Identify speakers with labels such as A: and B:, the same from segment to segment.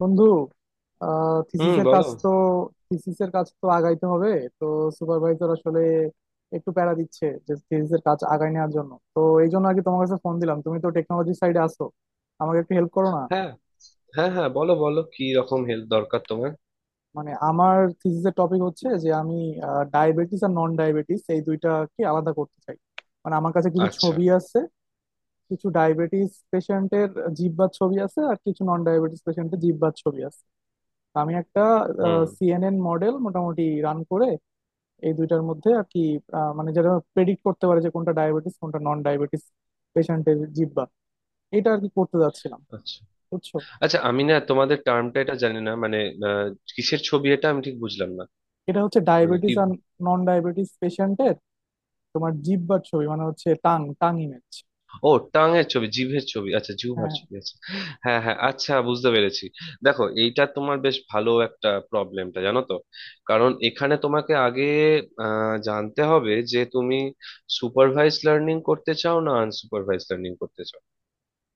A: বন্ধু।
B: হুম,
A: থিসিসের
B: বলো।
A: কাজ তো, আগাইতে হবে। তো সুপারভাইজার আসলে একটু প্যারা দিচ্ছে যে থিসিসের কাজ আগায় নেওয়ার জন্য, তো এই জন্য আর কি তোমার কাছে ফোন দিলাম। তুমি তো টেকনোলজি সাইডে আছো, আমাকে একটু হেল্প করো না।
B: হ্যাঁ, হ্যাঁ, হ্যাঁ, বলো বলো, কি রকম হেল্প দরকার তোমার?
A: মানে আমার থিসিসের টপিক হচ্ছে যে আমি ডায়াবেটিস আর নন ডায়াবেটিস এই দুইটাকে আলাদা করতে চাই। মানে আমার কাছে কিছু
B: আচ্ছা।
A: ছবি আছে, কিছু ডায়াবেটিস পেশেন্টের জিহ্বার ছবি আছে আর কিছু নন ডায়াবেটিস পেশেন্টের জিহ্বার ছবি আছে। তো আমি একটা
B: হুম।
A: CNN মডেল মোটামুটি রান করে এই দুইটার মধ্যে আর কি, মানে যেটা প্রেডিক্ট করতে পারে যে কোনটা ডায়াবেটিস কোনটা নন ডায়াবেটিস পেশেন্টের জিহ্বা, এটা আর কি করতে যাচ্ছিলাম।
B: আচ্ছা,
A: বুঝছো?
B: আচ্ছা, আমি না তোমাদের টার্মটা এটা জানি না, মানে আহ, কিসের ছবি এটা আমি ঠিক বুঝলাম না,
A: এটা হচ্ছে
B: মানে কি?
A: ডায়াবেটিস আর নন ডায়াবেটিস পেশেন্টের তোমার জিহ্বার ছবি, মানে হচ্ছে টাং টাং ইমেজ।
B: ও, টাঙের ছবি, জিভের ছবি, আচ্ছা, জিহ্বার
A: হ্যাঁ।
B: ছবি, আচ্ছা। হ্যাঁ, হ্যাঁ, আচ্ছা, বুঝতে পেরেছি। দেখো, এইটা তোমার বেশ ভালো একটা প্রবলেমটা, জানো তো। কারণ এখানে তোমাকে আগে জানতে হবে যে তুমি সুপারভাইজ লার্নিং করতে চাও না আনসুপারভাইজ লার্নিং করতে চাও।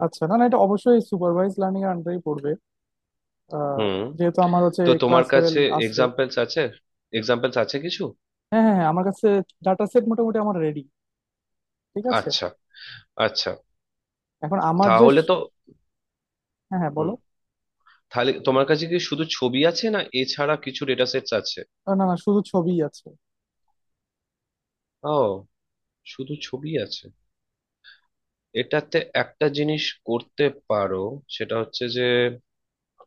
A: আচ্ছা, না না এটা অবশ্যই সুপারভাইজ লার্নিং এর আন্ডারেই পড়বে। আহ,
B: হুম।
A: যেহেতু আমার হচ্ছে
B: তো তোমার
A: ক্লাস লেভেল
B: কাছে
A: আছে।
B: এক্সাম্পলস আছে, এক্সাম্পলস আছে কিছু?
A: হ্যাঁ হ্যাঁ হ্যাঁ, আমার কাছে ডাটা সেট মোটামুটি আমার রেডি। ঠিক আছে।
B: আচ্ছা, আচ্ছা।
A: এখন আমার যে,
B: তাহলে তো...
A: হ্যাঁ হ্যাঁ বলো।
B: হুম, তাহলে তোমার কাছে কি শুধু ছবি আছে, না এছাড়া কিছু ডেটা সেটস আছে?
A: না না শুধু ছবিই আছে।
B: ও, শুধু ছবি আছে। এটাতে একটা জিনিস করতে পারো, সেটা হচ্ছে যে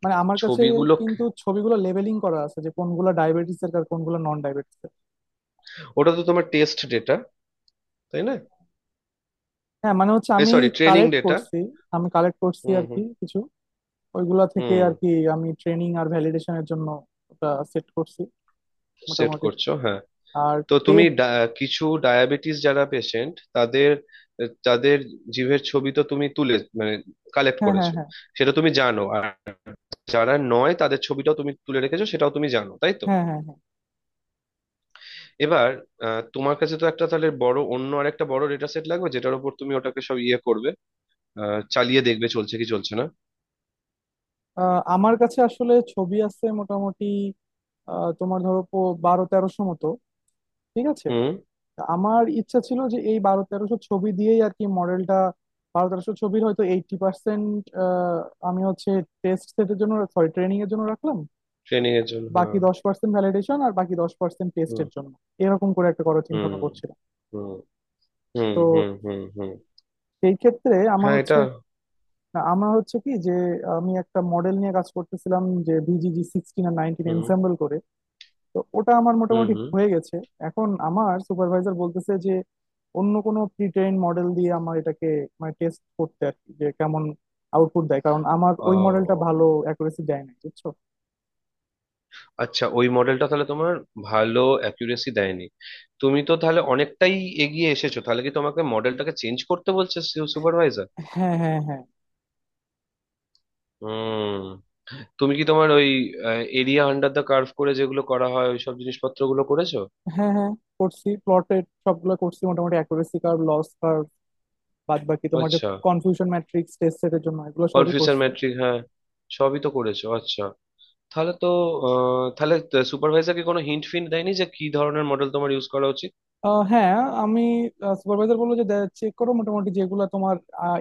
A: মানে আমার কাছে
B: ছবিগুলো...
A: কিন্তু ছবিগুলো লেবেলিং করা আছে যে কোনগুলো ডায়াবেটিস এর আর কোনগুলো নন ডায়াবেটিস এর।
B: ওটা তো তোমার টেস্ট ডেটা, তাই না?
A: হ্যাঁ মানে হচ্ছে
B: এই,
A: আমি
B: সরি, ট্রেনিং
A: কালেক্ট
B: ডেটা।
A: করছি, আমি কালেক্ট করছি
B: হুম
A: আর কি
B: হুম
A: কিছু ওইগুলা থেকে
B: হুম।
A: আর কি। আমি ট্রেনিং আর ভ্যালিডেশনের জন্য ওটা সেট করছি
B: সেট
A: মোটামুটি।
B: করছো, হ্যাঁ।
A: আর
B: তো
A: টে
B: তুমি কিছু ডায়াবেটিস যারা পেশেন্ট তাদের, তাদের জিভের ছবি তো তুমি তুলে, মানে কালেক্ট
A: হ্যাঁ হ্যাঁ
B: করেছো,
A: হ্যাঁ।
B: সেটা তুমি জানো। আর যারা নয় তাদের ছবিটাও তুমি তুলে রেখেছো, সেটাও তুমি জানো, তাই তো?
A: হ্যাঁ হ্যাঁ হ্যাঁ।
B: এবার তোমার কাছে তো একটা তাহলে বড়, অন্য আরেকটা বড় ডেটা সেট লাগবে যেটার উপর তুমি ওটাকে সব ইয়ে করবে, চালিয়ে দেখবে, চলছে কি চলছে না।
A: আমার কাছে আসলে ছবি আছে মোটামুটি। তোমার ধরো 1200-1300 মতো। ঠিক আছে।
B: হুম।
A: তা আমার ইচ্ছা ছিল যে এই বারো তেরোশো ছবি দিয়েই আর কি মডেলটা, বারো তেরোশো ছবির হয়তো 80% আমি হচ্ছে টেস্ট সেটের জন্য সরি ট্রেনিং এর জন্য রাখলাম,
B: ট্রেনিং এর জন্য।
A: বাকি 10% ভ্যালিডেশন আর বাকি 10%
B: হ্যাঁ।
A: টেস্টের জন্য, এরকম করে একটা করার চিন্তা
B: হুম
A: ভাবনা করছিলাম।
B: হুম হুম
A: তো
B: হুম হুম। হুম হুম।
A: সেই ক্ষেত্রে আমার
B: হ্যাঁ,
A: হচ্ছে,
B: এটা...
A: না, আমার হচ্ছে কি যে আমি একটা মডেল নিয়ে কাজ করতেছিলাম যে বিজিজি 16 আর 19
B: হুম
A: এনসেম্বল করে। তো ওটা আমার
B: হুম
A: মোটামুটি
B: হুম।
A: হয়ে গেছে। এখন আমার সুপারভাইজার বলতেছে যে অন্য কোনো প্রি ট্রেন মডেল দিয়ে আমার এটাকে মানে টেস্ট করতে আর কি যে কেমন আউটপুট দেয়, কারণ আমার ওই মডেলটা
B: ও
A: ভালো অ্যাকুরেসি দেয় না। বুঝছো?
B: আচ্ছা, ওই মডেলটা তাহলে তোমার ভালো অ্যাকুরেসি দেয়নি। তুমি তো তাহলে অনেকটাই এগিয়ে এসেছো। তাহলে কি তোমাকে মডেলটাকে চেঞ্জ করতে বলছে সুপারভাইজার?
A: হ্যাঁ হ্যাঁ হ্যাঁ।
B: হুম। তুমি কি তোমার ওই এরিয়া আন্ডার দ্য কার্ভ করে, যেগুলো করা হয়, ওই সব জিনিসপত্রগুলো করেছো?
A: হ্যাঁ হ্যাঁ করছি, প্লটেড সবগুলো করছি মোটামুটি অ্যাকুরেসি কার্ভ, লস কার্ভ, বাদ বাকি তোমার যে
B: আচ্ছা।
A: কনফিউশন ম্যাট্রিক্স টেস্ট সেটের জন্য, এগুলো সবই
B: কনফিউশন
A: করছি।
B: ম্যাট্রিক, হ্যাঁ। সবই তো করেছো, আচ্ছা। তাহলে তো তাহলে সুপারভাইজার কি কোনো হিন্ট ফিন্ট দেয়নি যে কি ধরনের মডেল তোমার ইউজ করা উচিত?
A: হ্যাঁ। আমি সুপারভাইজার বললো যে চেক করো মোটামুটি যেগুলা তোমার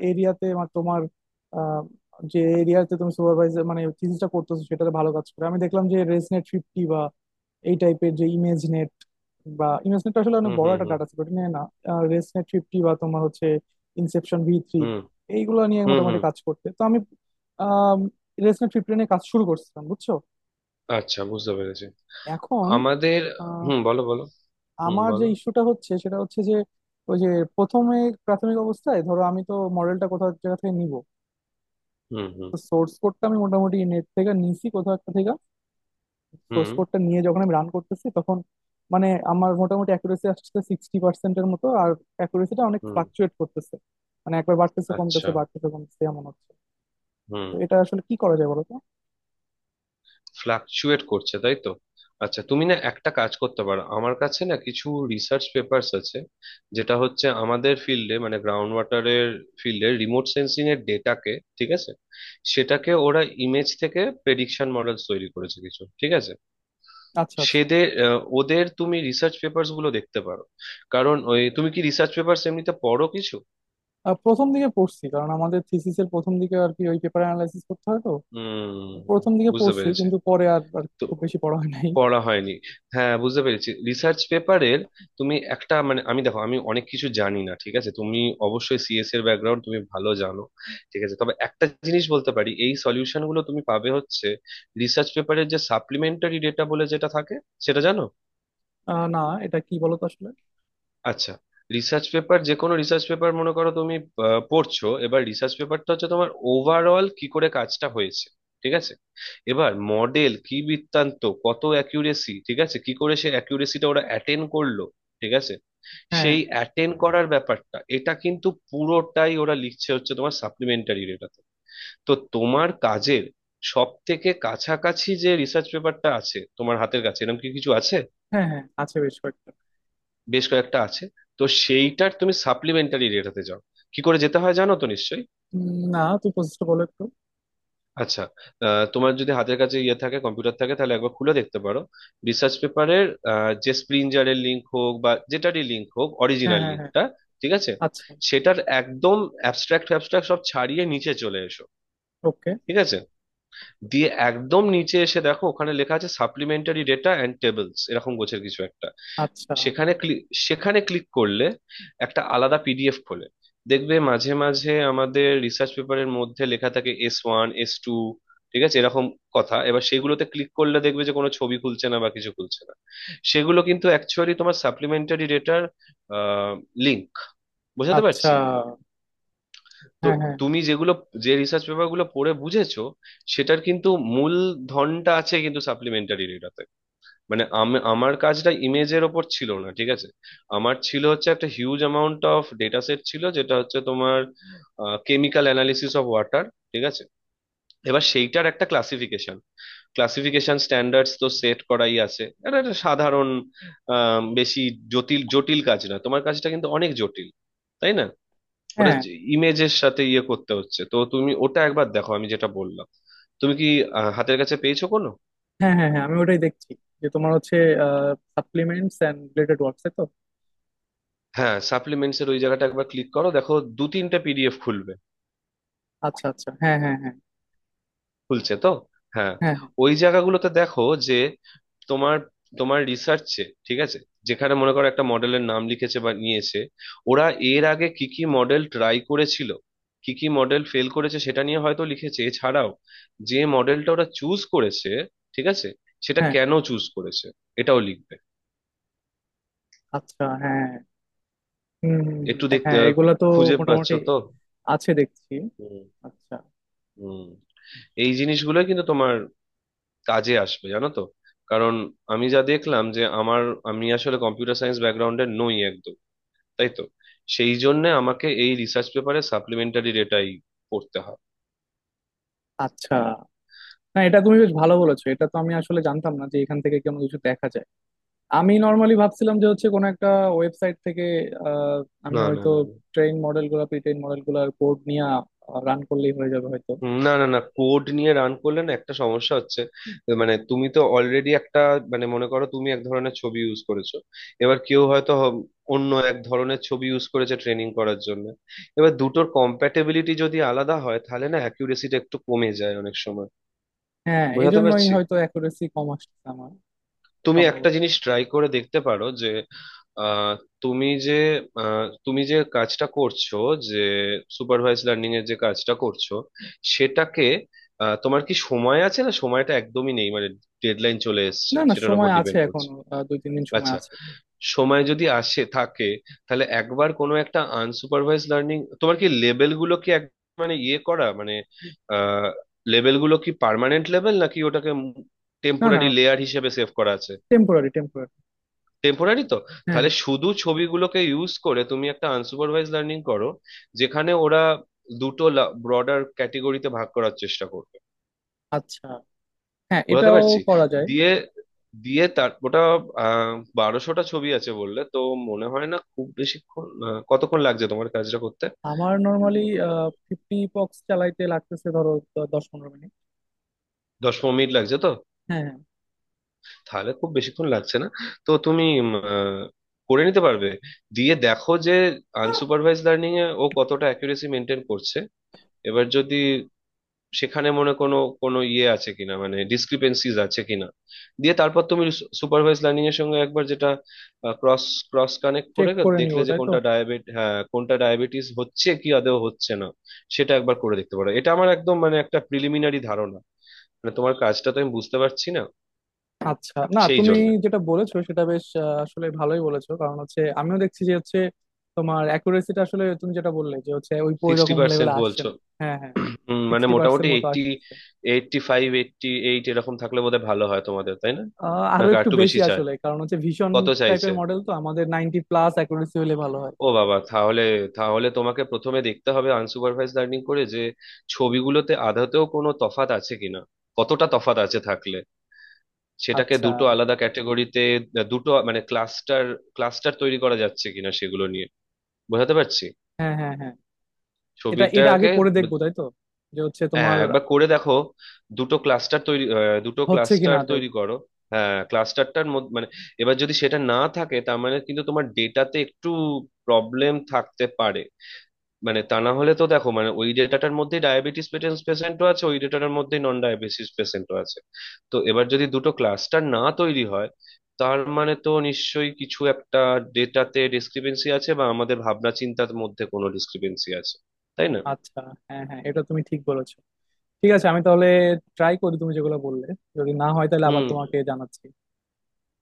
A: এরিয়াতে তোমার, আহ, যে এরিয়াতে তুমি সুপারভাইজার মানে থিসিসটা করতেছো সেটাতে ভালো কাজ করে। আমি দেখলাম যে রেজনেট 50 বা এই টাইপের যে ইমেজ নেট, বা ইমেজ নেট আসলে অনেক
B: হুম
A: বড়
B: হুম
A: একটা
B: হুম
A: ডাটা সেট, ওটা নিয়ে না রেজনেট ফিফটি বা তোমার হচ্ছে ইনসেপশন V3,
B: হুম
A: এইগুলো নিয়ে
B: হুম
A: মোটামুটি
B: হুম।
A: কাজ করতে, তো আমি রেজনেট ফিফটি নিয়ে কাজ শুরু করছিলাম। বুঝছো?
B: আচ্ছা, বুঝতে পেরেছি।
A: এখন
B: আমাদের... হুম, বলো বলো। হুম,
A: আমার যে
B: বলো।
A: ইস্যুটা হচ্ছে সেটা হচ্ছে যে ওই যে প্রথমে প্রাথমিক অবস্থায় ধরো আমি তো মডেলটা কোথাও এক জায়গা থেকে নিব,
B: হুম হুম
A: তো সোর্স কোডটা আমি মোটামুটি নেট থেকে নিছি কোথাও একটা থেকে। সোর্স
B: হুম
A: কোডটা নিয়ে যখন আমি রান করতেছি তখন মানে আমার মোটামুটি অ্যাকুরেসি আসছে 60% মতো, আর অ্যাকুরেসিটা অনেক
B: হুম।
A: ফ্লাকচুয়েট করতেছে। মানে একবার বাড়তেছে কমতেছে
B: আচ্ছা।
A: বাড়তেছে কমতেছে এমন হচ্ছে। তো
B: হুম।
A: এটা আসলে কি করা যায় বলো তো।
B: ফ্লাকচুয়েট করছে, তাই তো? আচ্ছা, তুমি না একটা কাজ করতে পারো। আমার কাছে না কিছু রিসার্চ পেপার্স আছে, যেটা হচ্ছে আমাদের ফিল্ডে, মানে গ্রাউন্ড ওয়াটারের ফিল্ডে রিমোট সেন্সিং এর ডেটাকে, ঠিক আছে, সেটাকে ওরা ইমেজ থেকে প্রেডিকশন মডেলস তৈরি করেছে কিছু, ঠিক আছে।
A: আচ্ছা আচ্ছা।
B: সেদের, ওদের তুমি রিসার্চ পেপার্স গুলো দেখতে পারো। কারণ ওই, তুমি কি রিসার্চ পেপার্স এমনিতে পড়ো কিছু?
A: প্রথম দিকে পড়ছি কারণ আমাদের থিসিসের প্রথম দিকে আর কি ওই পেপার অ্যানালাইসিস করতে হয় তো।
B: হুম,
A: প্রথম দিকে
B: বুঝতে
A: পড়ছি
B: পেরেছি।
A: কিন্তু পরে আর আর
B: তো
A: খুব বেশি পড়া হয় নাই।
B: পড়া হয়নি। হ্যাঁ, বুঝতে পেরেছি। রিসার্চ পেপারের... তুমি একটা, মানে আমি, দেখো, আমি অনেক কিছু জানি না, ঠিক আছে, তুমি অবশ্যই সিএস এর ব্যাকগ্রাউন্ড তুমি ভালো জানো, ঠিক আছে, তবে একটা জিনিস বলতে পারি, এই সলিউশন গুলো তুমি পাবে হচ্ছে রিসার্চ পেপারের যে সাপ্লিমেন্টারি ডেটা বলে যেটা থাকে, সেটা জানো?
A: না, এটা কি বলতো আসলে?
B: আচ্ছা, রিসার্চ পেপার, যে কোনো রিসার্চ পেপার মনে করো তুমি পড়ছো, এবার রিসার্চ পেপারটা হচ্ছে তোমার ওভারঅল কি করে কাজটা হয়েছে, ঠিক আছে, এবার মডেল কি বৃত্তান্ত, কত অ্যাকিউরেসি, ঠিক আছে, কি করে সে অ্যাকিউরেসিটা ওরা অ্যাটেন্ড করলো, ঠিক আছে,
A: হ্যাঁ হ্যাঁ
B: সেই অ্যাটেন্ড করার ব্যাপারটা এটা কিন্তু পুরোটাই ওরা লিখছে হচ্ছে তোমার সাপ্লিমেন্টারি ডেটাতে। তো তোমার কাজের সব থেকে কাছাকাছি যে রিসার্চ পেপারটা আছে তোমার হাতের কাছে, এরকম কি কিছু আছে?
A: হ্যাঁ হ্যাঁ আছে বেশ কয়েকটা।
B: বেশ কয়েকটা আছে? তো সেইটার তুমি সাপ্লিমেন্টারি রেটাতে যাও। কি করে যেতে হয় জানো তো নিশ্চয়ই?
A: না তুই পজিশটা বলো একটু।
B: আচ্ছা, তোমার যদি হাতের কাছে ইয়ে থাকে, কম্পিউটার থাকে, তাহলে একবার খুলে দেখতে পারো রিসার্চ পেপারের, যে স্প্রিঞ্জারের লিঙ্ক হোক বা যেটারই লিঙ্ক হোক,
A: হ্যাঁ
B: অরিজিনাল
A: হ্যাঁ হ্যাঁ।
B: লিঙ্কটা, ঠিক আছে?
A: আচ্ছা।
B: সেটার একদম অ্যাবস্ট্রাক্ট, অ্যাবস্ট্রাক্ট সব ছাড়িয়ে নিচে চলে এসো,
A: ওকে।
B: ঠিক আছে? দিয়ে একদম নিচে এসে দেখো ওখানে লেখা আছে সাপ্লিমেন্টারি ডেটা অ্যান্ড টেবলস, এরকম গোছের কিছু একটা।
A: আচ্ছা
B: সেখানে ক্লিক সেখানে ক্লিক করলে একটা আলাদা পিডিএফ খোলে। দেখবে মাঝে মাঝে আমাদের রিসার্চ পেপারের মধ্যে লেখা থাকে S1, S2, ঠিক আছে, এরকম কথা। এবার সেগুলোতে ক্লিক করলে দেখবে যে কোনো ছবি খুলছে না বা কিছু খুলছে না, সেগুলো কিন্তু অ্যাকচুয়ালি তোমার সাপ্লিমেন্টারি ডেটার লিঙ্ক। বোঝাতে
A: আচ্ছা,
B: পারছি? তো
A: হ্যাঁ হ্যাঁ
B: তুমি যেগুলো, যে রিসার্চ পেপার গুলো পড়ে বুঝেছো, সেটার কিন্তু মূল ধনটা আছে কিন্তু সাপ্লিমেন্টারি ডেটাতে। মানে আমার কাজটা ইমেজের ওপর ছিল না, ঠিক আছে, আমার ছিল হচ্ছে একটা huge amount of data set ছিল যেটা হচ্ছে তোমার কেমিক্যাল অ্যানালিসিস অফ ওয়াটার, ঠিক আছে? এবার সেইটার একটা ক্লাসিফিকেশন, স্ট্যান্ডার্ডস তো সেট করাই আছে, এটা একটা সাধারণ, বেশি জটিল জটিল কাজ না। তোমার কাজটা কিন্তু অনেক জটিল, তাই না? ওটা
A: হ্যাঁ।
B: ইমেজের সাথে ইয়ে করতে হচ্ছে, তো তুমি ওটা একবার দেখো আমি যেটা বললাম। তুমি কি হাতের কাছে পেয়েছো কোনো?
A: হ্যাঁ হ্যাঁ হ্যাঁ আমি ওটাই দেখছি যে তোমার হচ্ছে সাপ্লিমেন্টস এন্ড রিলেটেড ওয়ার্কস, তাই তো?
B: হ্যাঁ, সাপ্লিমেন্টস এর ওই জায়গাটা একবার ক্লিক করো, দেখো দু তিনটে পিডিএফ খুলবে।
A: আচ্ছা আচ্ছা, হ্যাঁ হ্যাঁ হ্যাঁ।
B: খুলছে তো? হ্যাঁ,
A: হ্যাঁ হ্যাঁ
B: ওই জায়গাগুলোতে দেখো যে তোমার, রিসার্চে, ঠিক আছে, যেখানে মনে করো একটা মডেলের নাম লিখেছে বা নিয়েছে, ওরা এর আগে কি কি মডেল ট্রাই করেছিল, কি কি মডেল ফেল করেছে সেটা নিয়ে হয়তো লিখেছে, এছাড়াও যে মডেলটা ওরা চুজ করেছে, ঠিক আছে, সেটা
A: হ্যাঁ।
B: কেন চুজ করেছে, এটাও লিখবে।
A: আচ্ছা। হ্যাঁ হুম হুম হুম,
B: একটু দেখতে,
A: হ্যাঁ এগুলা তো
B: খুঁজে পাচ্ছ
A: মোটামুটি
B: তো?
A: আছে দেখছি।
B: হুম
A: আচ্ছা।
B: হুম। এই জিনিসগুলোই কিন্তু তোমার কাজে আসবে, জানো তো। কারণ আমি যা দেখলাম, যে আমার, আমি আসলে কম্পিউটার সায়েন্স ব্যাকগ্রাউন্ডের নই একদম, তাই তো, সেই জন্য আমাকে এই রিসার্চ পেপারে সাপ্লিমেন্টারি ডেটাই পড়তে হয়।
A: আচ্ছা না এটা তুমি বেশ ভালো বলেছো, এটা তো আমি আসলে জানতাম না যে এখান থেকে কোনো কিছু দেখা যায়। আমি নর্মালি ভাবছিলাম যে হচ্ছে কোনো একটা ওয়েবসাইট থেকে আহ, আমি
B: না না
A: হয়তো
B: না না,
A: ট্রেন মডেল গুলা প্রি ট্রেন মডেল গুলার কোড নিয়ে রান করলেই হয়ে যাবে হয়তো।
B: না না না, কোড নিয়ে রান করলে না একটা সমস্যা হচ্ছে, মানে তুমি তো অলরেডি একটা, মানে মনে করো তুমি এক ধরনের ছবি ইউজ করেছো, এবার কেউ হয়তো অন্য এক ধরনের ছবি ইউজ করেছে ট্রেনিং করার জন্য। এবার দুটোর কম্প্যাটেবিলিটি যদি আলাদা হয় তাহলে না অ্যাকিউরেসিটা একটু কমে যায় অনেক সময়।
A: হ্যাঁ এই
B: বোঝাতে
A: জন্যই
B: পারছি?
A: হয়তো অ্যাকুরেসি কম আসছে আমার।
B: তুমি একটা
A: সম্ভবত।
B: জিনিস ট্রাই করে দেখতে পারো, যে আহ, তুমি যে তুমি যে কাজটা করছো, যে সুপারভাইজ লার্নিং এর যে কাজটা করছো, সেটাকে... তোমার কি সময় আছে, না সময়টা একদমই নেই, মানে ডেডলাইন চলে এসেছে,
A: না না
B: সেটার উপর
A: সময় আছে
B: ডিপেন্ড
A: এখন।
B: করছে।
A: 2-3 দিন সময়
B: আচ্ছা,
A: আছে।
B: সময় যদি আসে থাকে তাহলে একবার কোনো একটা আনসুপারভাইজ লার্নিং... তোমার কি লেভেল গুলো কি এক, মানে ইয়ে করা, মানে আহ লেভেল গুলো কি পার্মানেন্ট লেভেল নাকি ওটাকে
A: না না,
B: টেম্পোরারি লেয়ার হিসেবে সেভ করা আছে?
A: Temporary temporary.
B: টেম্পোরারি তো?
A: হ্যাঁ হ্যাঁ।
B: তাহলে শুধু ছবিগুলোকে ইউজ করে তুমি একটা আনসুপারভাইজ লার্নিং করো যেখানে ওরা দুটো ব্রডার ক্যাটেগরিতে ভাগ করার চেষ্টা করবে।
A: আচ্ছা হ্যাঁ
B: বুঝতে
A: এটাও
B: পারছি।
A: করা যায়।
B: দিয়ে, তার ওটা আহ 1200টা ছবি আছে বললে তো, মনে হয় না খুব বেশিক্ষণ, কতক্ষণ লাগছে তোমার কাজটা করতে?
A: আমার
B: উম,
A: নর্মালি 50 পক্স চালাইতে লাগতেছে ধরো, 10-15 মিনিট।
B: 10-15 মিনিট লাগছে তো?
A: হ্যাঁ হ্যাঁ।
B: তাহলে খুব বেশিক্ষণ লাগছে না। তো তুমি করে নিতে পারবে। দিয়ে দেখো যে আনসুপারভাইজ লার্নিং এ ও কতটা অ্যাকুরেসি মেনটেন করছে। এবার যদি সেখানে মনে কোনো, কোনো ইয়ে আছে কিনা, মানে ডিসক্রিপেন্সিজ আছে কিনা, দিয়ে তারপর তুমি সুপারভাইজ লার্নিং এর সঙ্গে একবার যেটা ক্রস ক্রস কানেক্ট
A: চেক
B: করে
A: করে নিব,
B: দেখলে যে
A: তাই তো?
B: কোনটা ডায়াবেট, হ্যাঁ, কোনটা ডায়াবেটিস হচ্ছে কি আদৌ হচ্ছে না, সেটা একবার করে দেখতে পারো। এটা আমার একদম, মানে একটা প্রিলিমিনারি ধারণা, মানে তোমার কাজটা তো আমি বুঝতে পারছি না,
A: আচ্ছা না
B: সেই
A: তুমি
B: জন্য।
A: যেটা বলেছো সেটা বেশ আসলে ভালোই বলেছো, কারণ হচ্ছে আমিও দেখছি যে হচ্ছে তোমার অ্যাকুরেসিটা আসলে তুমি যেটা বললে যে হচ্ছে ওই ওই
B: সিক্সটি
A: রকম
B: পার্সেন্ট
A: লেভেলে আসছে
B: বলছো?
A: না। হ্যাঁ হ্যাঁ
B: মানে
A: সিক্সটি
B: মোটামুটি
A: পার্সেন্ট মতো
B: 80,
A: আসছে।
B: 85, 88 এরকম থাকলে বোধহয় ভালো হয় তোমাদের, তাই না? না,
A: আরো
B: আর
A: একটু
B: একটু
A: বেশি
B: বেশি চায়?
A: আসলে, কারণ হচ্ছে ভীষণ
B: কত চাইছে?
A: টাইপের মডেল তো আমাদের 90 প্লাস অ্যাকুরেসি হলে ভালো হয়।
B: ও বাবা, তাহলে... তাহলে তোমাকে প্রথমে দেখতে হবে আনসুপারভাইজ লার্নিং করে যে ছবিগুলোতে আদতেও কোনো তফাত আছে কিনা, কতটা তফাত আছে, থাকলে সেটাকে
A: আচ্ছা
B: দুটো আলাদা ক্যাটাগরিতে, দুটো মানে ক্লাস্টার, তৈরি করা যাচ্ছে কিনা সেগুলো নিয়ে। বোঝাতে পারছি?
A: হ্যাঁ হ্যাঁ হ্যাঁ, এটা এটা আগে
B: ছবিটাকে...
A: করে
B: ব-
A: দেখবো তাই তো? যে হচ্ছে
B: হ্যাঁ,
A: তোমার
B: একবার করে দেখো, দুটো
A: হচ্ছে কি
B: ক্লাস্টার
A: না দেও।
B: তৈরি করো। হ্যাঁ, ক্লাস্টারটার মধ্যে মানে... এবার যদি সেটা না থাকে তার মানে কিন্তু তোমার ডেটাতে একটু প্রবলেম থাকতে পারে। মানে তা না হলে তো দেখো, মানে ওই ডেটাটার মধ্যে ডায়াবেটিস পেশেন্টও আছে, ওই ডেটাটার মধ্যে নন ডায়াবেটিস পেশেন্টও আছে, তো এবার যদি দুটো ক্লাস্টার না তৈরি হয় তার মানে তো নিশ্চয়ই কিছু একটা ডেটাতে ডিসক্রিপেন্সি আছে বা আমাদের ভাবনা চিন্তার মধ্যে কোনো ডিসক্রিপেন্সি আছে, তাই না?
A: আচ্ছা হ্যাঁ হ্যাঁ এটা তুমি ঠিক বলেছো। ঠিক আছে, আমি তাহলে ট্রাই করি তুমি যেগুলো বললে, যদি না হয় তাহলে আবার
B: হুম,
A: তোমাকে জানাচ্ছি।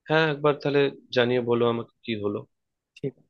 B: হ্যাঁ, একবার তাহলে জানিয়ে বলো আমাকে কি হলো।
A: ঠিক আছে।